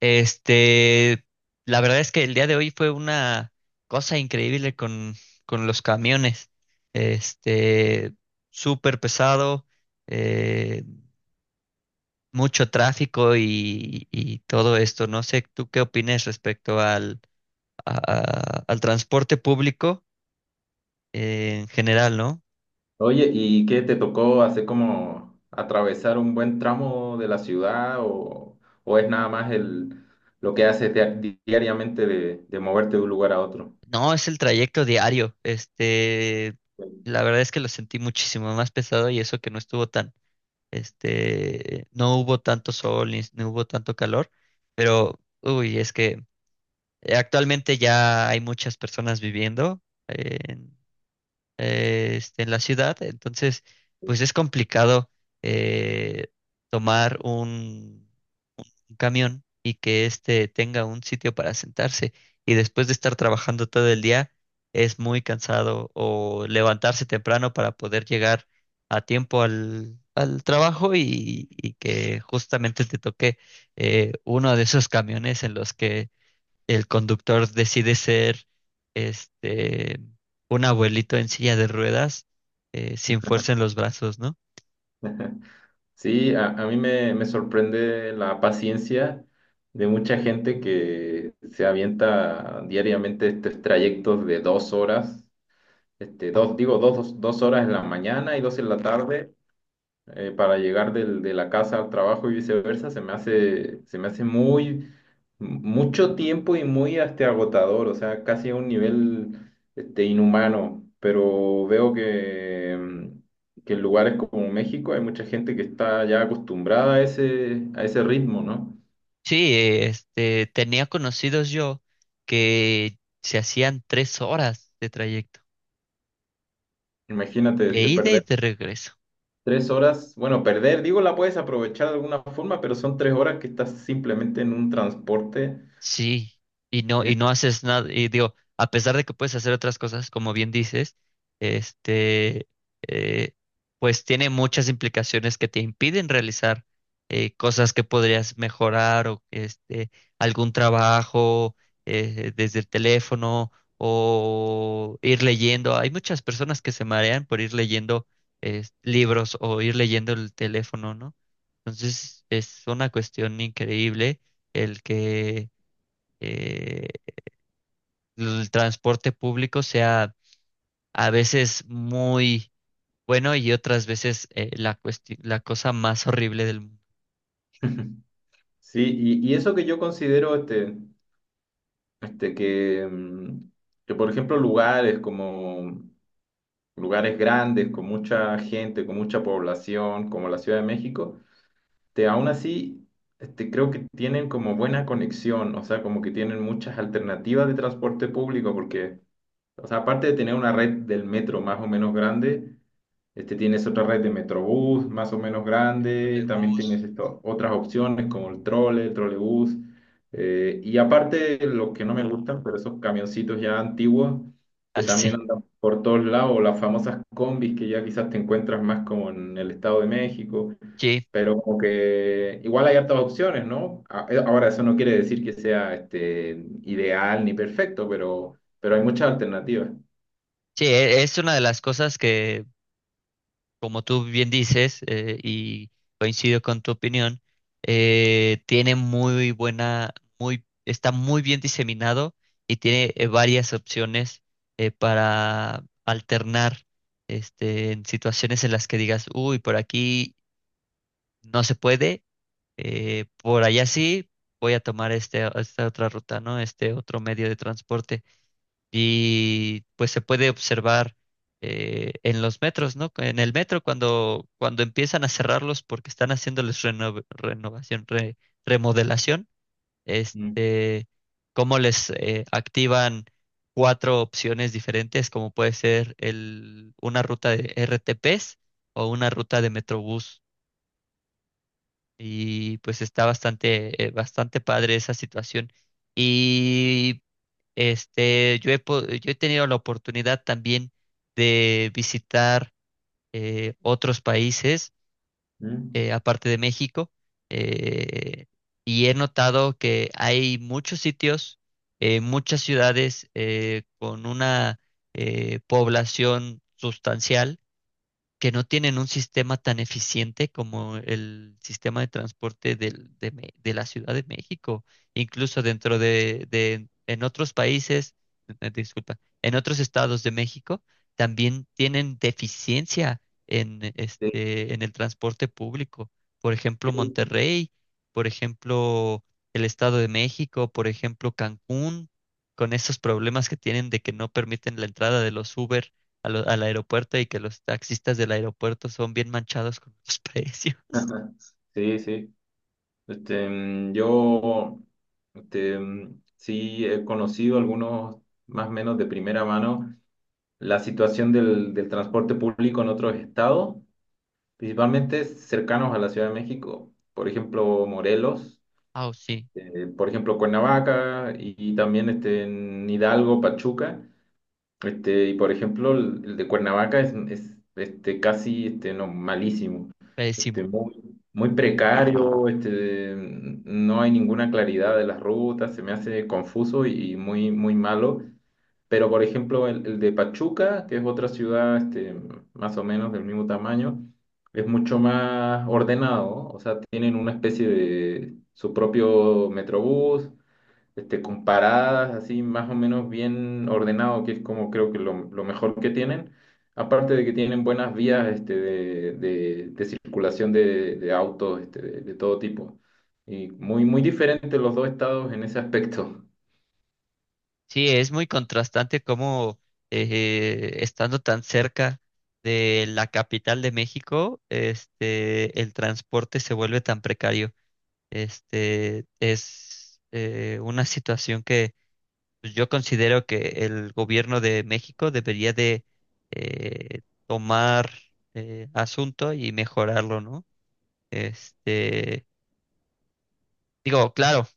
Este, la verdad es que el día de hoy fue una cosa increíble con los camiones. Este, Súper pesado, eh, mucho tráfico y todo esto. No sé, ¿tú qué opinas respecto a- al transporte público en general? ¿No? Oye, ¿y qué te tocó hacer, como atravesar un buen tramo de la ciudad o es nada más lo que haces diariamente, de moverte de un lugar a otro? No, es el trayecto diario. La verdad es que lo sentí muchísimo más pesado y eso que no estuvo tan. No hubo tanto sol ni, no hubo tanto calor, pero uy, es que actualmente ya hay muchas personas viviendo en, en la ciudad, entonces pues es complicado eh, tomar un camión y que éste tenga un sitio para sentarse. Y después de estar trabajando todo el día, es muy cansado o levantarse temprano para poder llegar a tiempo al trabajo y que justamente te toque uno de esos camiones en los que el conductor decide ser este un abuelito en silla de ruedas, sin fuerza en los brazos, ¿no? Sí, a mí me sorprende la paciencia de mucha gente que se avienta diariamente estos trayectos de 2 horas, dos horas en la mañana y dos en la tarde, para llegar de la casa al trabajo y viceversa. Se me hace mucho tiempo y muy agotador, o sea, casi a un nivel inhumano. Pero veo que en lugares como México hay mucha gente que está ya acostumbrada a ese ritmo, ¿no? Sí, tenía conocidos yo que se hacían 3 horas de trayecto, Imagínate, de ida y perder de regreso. 3 horas, bueno, perder, digo, la puedes aprovechar de alguna forma, pero son 3 horas que estás simplemente en un transporte. Sí, y eh, no haces nada, y digo, a pesar de que puedes hacer otras cosas, como bien dices. este, eh, pues tiene muchas implicaciones que te impiden realizar cosas que podrías mejorar, o algún trabajo desde el teléfono o ir leyendo. Hay muchas personas que se marean por ir leyendo libros o ir leyendo el teléfono, ¿no? Entonces es una cuestión increíble el que eh, el transporte público sea a veces muy bueno y otras veces, la cosa más horrible del mundo. Sí, y eso que yo considero. Este, Este, que, mm, que, por ejemplo, lugares grandes, con mucha gente, con mucha población, como la Ciudad de México. Aún así creo que tienen como buena conexión, o sea, como que tienen muchas alternativas de transporte público, porque, o sea, aparte de tener una red del metro más o menos grande, tienes otra red de Metrobús más o menos grande. También tienes Trolebús. Otras opciones como el trolebús. Y aparte, lo que no me gustan, pero esos camioncitos ya antiguos que Así. también andan por todos lados, o las famosas combis que ya quizás te encuentras más como en el Estado de México, Sí, pero como que igual hay hartas opciones, ¿no? Ahora, eso no quiere decir que sea ideal ni perfecto, pero hay muchas alternativas. sí, es una de las cosas que, como tú bien dices, y coincido con tu opinión. Tiene muy está muy bien diseminado y tiene varias opciones para alternar, en situaciones en las que digas: uy, por aquí no se puede, por allá sí, voy a tomar esta otra ruta, ¿no? Este otro medio de transporte. Y pues se puede observar en los metros, ¿no? En el metro cuando empiezan a cerrarlos porque están haciéndoles renovación, remodelación, Mm. este, cómo les activan cuatro opciones diferentes, como puede ser una ruta de R T RTPs o una ruta de Metrobús. Y pues está bastante padre esa situación. Y yo he tenido la oportunidad también de visitar otros países, Mm. aparte de México. eh, y he notado que hay muchos sitios, muchas ciudades con una población sustancial que no tienen un sistema tan eficiente como el sistema de transporte de la Ciudad de México. Incluso en otros países, disculpa, en otros estados de México también tienen deficiencia en Sí. este, en el transporte público. Por ejemplo, Sí, sí, Monterrey. Por ejemplo, el Estado de México. Por ejemplo, Cancún, con esos problemas que tienen de que no permiten la entrada de los Uber al aeropuerto y que los taxistas del aeropuerto son bien manchados con los precios. sí. Sí. Yo sí he conocido algunos, más o menos de primera mano, la situación del transporte público en otros estados, principalmente cercanos a la Ciudad de México. Por ejemplo, Morelos, Ah, sí, por ejemplo, Cuernavaca y también en Hidalgo, Pachuca. Y por ejemplo, el de Cuernavaca es casi, no, malísimo. Pésimo. Muy, muy precario. No hay ninguna claridad de las rutas, se me hace confuso y muy, muy malo. Pero por ejemplo, el de Pachuca, que es otra ciudad más o menos del mismo tamaño, es mucho más ordenado. O sea, tienen una especie de su propio metrobús, comparadas, así más o menos bien ordenado, que es como creo que lo mejor que tienen. Aparte de que tienen buenas vías, de circulación de autos, de todo tipo. Y muy, muy diferentes los dos estados en ese aspecto. Sí, es muy contrastante cómo, estando tan cerca de la capital de México, el transporte se vuelve tan precario. Es una situación que, pues, yo considero que el gobierno de México debería de eh, tomar asunto y mejorarlo, ¿no? Este, Digo, claro,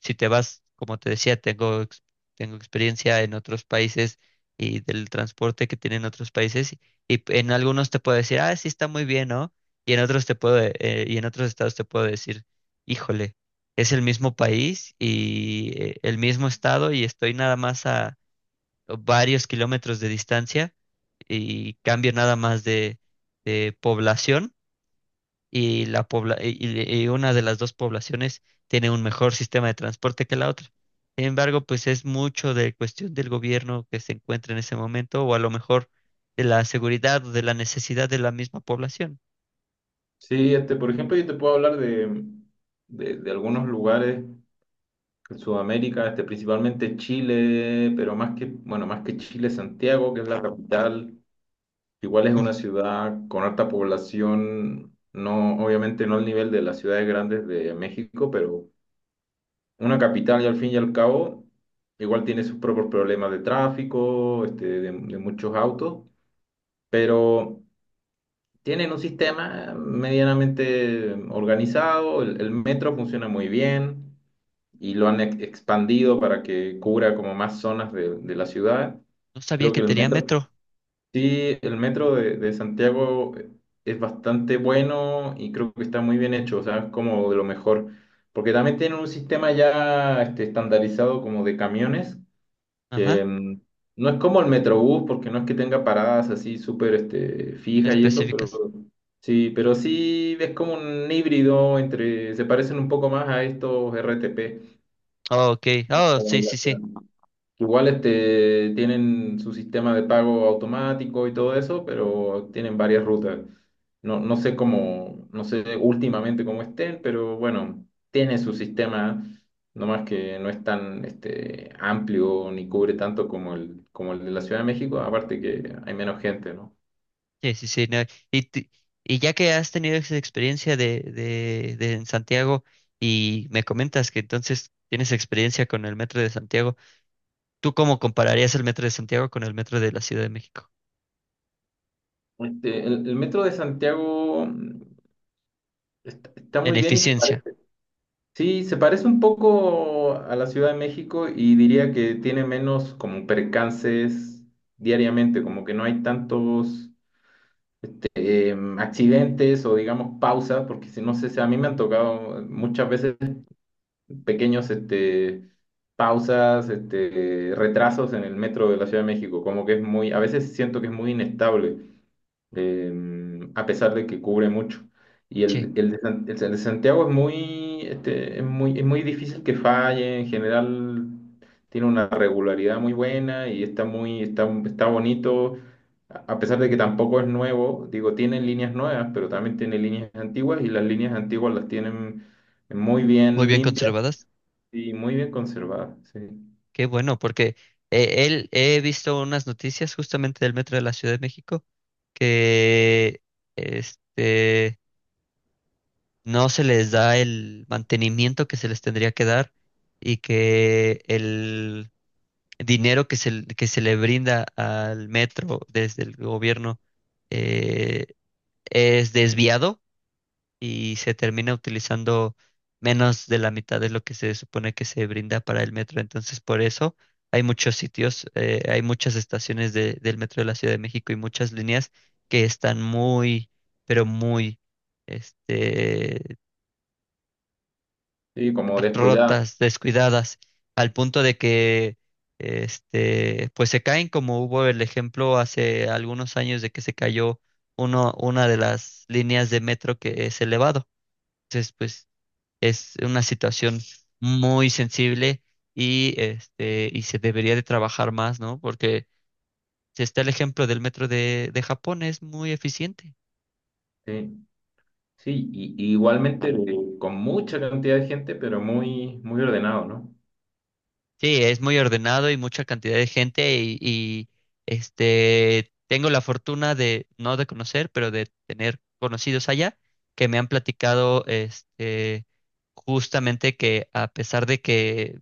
si te vas, como te decía, tengo experiencia en otros países y del transporte que tienen otros países, y en algunos te puedo decir: ah, sí está muy bien, ¿no? Y en otros estados te puedo decir: híjole, es el mismo país y, el mismo estado, y estoy nada más a varios kilómetros de distancia y cambio nada más de población. Y la pobla y- Una de las dos poblaciones tiene un mejor sistema de transporte que la otra. Sin embargo, pues es mucho de cuestión del gobierno que se encuentra en ese momento, o a lo mejor de la seguridad, o de la necesidad de la misma población. Sí, por ejemplo, yo te puedo hablar de algunos lugares en Sudamérica, principalmente Chile, pero más que Chile, Santiago, que es la capital. Igual es Ujú. una ciudad con alta población, no, obviamente no al nivel de las ciudades grandes de México, pero una capital. Y al fin y al cabo, igual tiene sus propios problemas de tráfico, de muchos autos. Pero tienen un sistema medianamente organizado. El metro funciona muy bien y lo han expandido para que cubra como más zonas de la ciudad. No sabía Creo que que el tenía metro. metro. Sí, el metro de Santiago es bastante bueno y creo que está muy bien hecho. O sea, es como de lo mejor, porque también tienen un sistema ya estandarizado como de camiones, Ajá, que no es como el Metrobús, porque no es que tenga paradas así súper fijas y eso. pero específicas. sí, pero sí es como un híbrido entre, se parecen un poco más a estos RTP. Oh, ok. Oh, sí, sí, sí. Igual tienen su sistema de pago automático y todo eso, pero tienen varias rutas. No, no sé cómo, no sé últimamente cómo estén, pero bueno, tiene su sistema. Nomás que no es tan amplio ni cubre tanto como el de la Ciudad de México, aparte que hay menos gente, ¿no? Sí, sí, sí. No. Y, ti- y ya que has tenido esa experiencia de en Santiago y me comentas que entonces tienes experiencia con el metro de Santiago, ¿tú cómo compararías el metro de Santiago con el metro de la Ciudad de México? El metro de Santiago está En muy bien y se eficiencia, parece. Sí, se parece un poco a la Ciudad de México y diría que tiene menos como percances diariamente, como que no hay tantos accidentes o digamos pausas, porque si no sé, si a mí me han tocado muchas veces pequeños pausas, retrasos en el metro de la Ciudad de México, como que es a veces siento que es muy inestable a pesar de que cubre mucho. Y sí, el el de Santiago es muy, este, es muy difícil que falle. En general tiene una regularidad muy buena y está bonito, a pesar de que tampoco es nuevo. Digo, tiene líneas nuevas, pero también tiene líneas antiguas, y las líneas antiguas las tienen muy muy bien bien limpias conservadas. y muy bien conservadas, sí. Qué bueno, porque, él he visto unas noticias justamente del metro de la Ciudad de México que, este no se les da el mantenimiento que se les tendría que dar, y que el dinero que se le brinda al metro desde el gobierno, eh, es desviado y se termina utilizando menos de la mitad de lo que se supone que se brinda para el metro. Entonces, por eso hay muchas estaciones del metro de la Ciudad de México y muchas líneas que están muy, pero muy, este, Sí, como descuidadas. rotas, descuidadas, al punto de que, pues se caen, como hubo el ejemplo hace algunos años de que se cayó una de las líneas de metro que es elevado. Entonces, pues es una situación muy sensible, y se debería de trabajar más, ¿no? Porque si está el ejemplo del metro de Japón, es muy eficiente. Sí. Sí, y igualmente con mucha cantidad de gente, pero muy, muy ordenado, ¿no? Sí, es muy ordenado y mucha cantidad de gente y tengo la fortuna de, no de conocer, pero de tener conocidos allá que me han platicado, justamente que, a pesar de que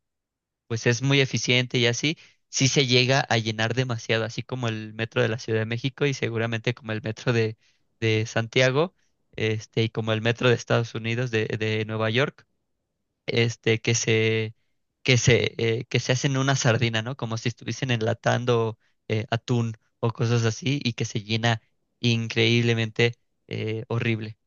pues es muy eficiente y así, sí se llega a llenar demasiado, así como el metro de la Ciudad de México, y seguramente como el metro de Santiago, y como el metro de Estados Unidos, de Nueva York, este, que se, que se hacen una sardina, ¿no? Como si estuviesen enlatando, atún o cosas así, y que se llena increíblemente, horrible.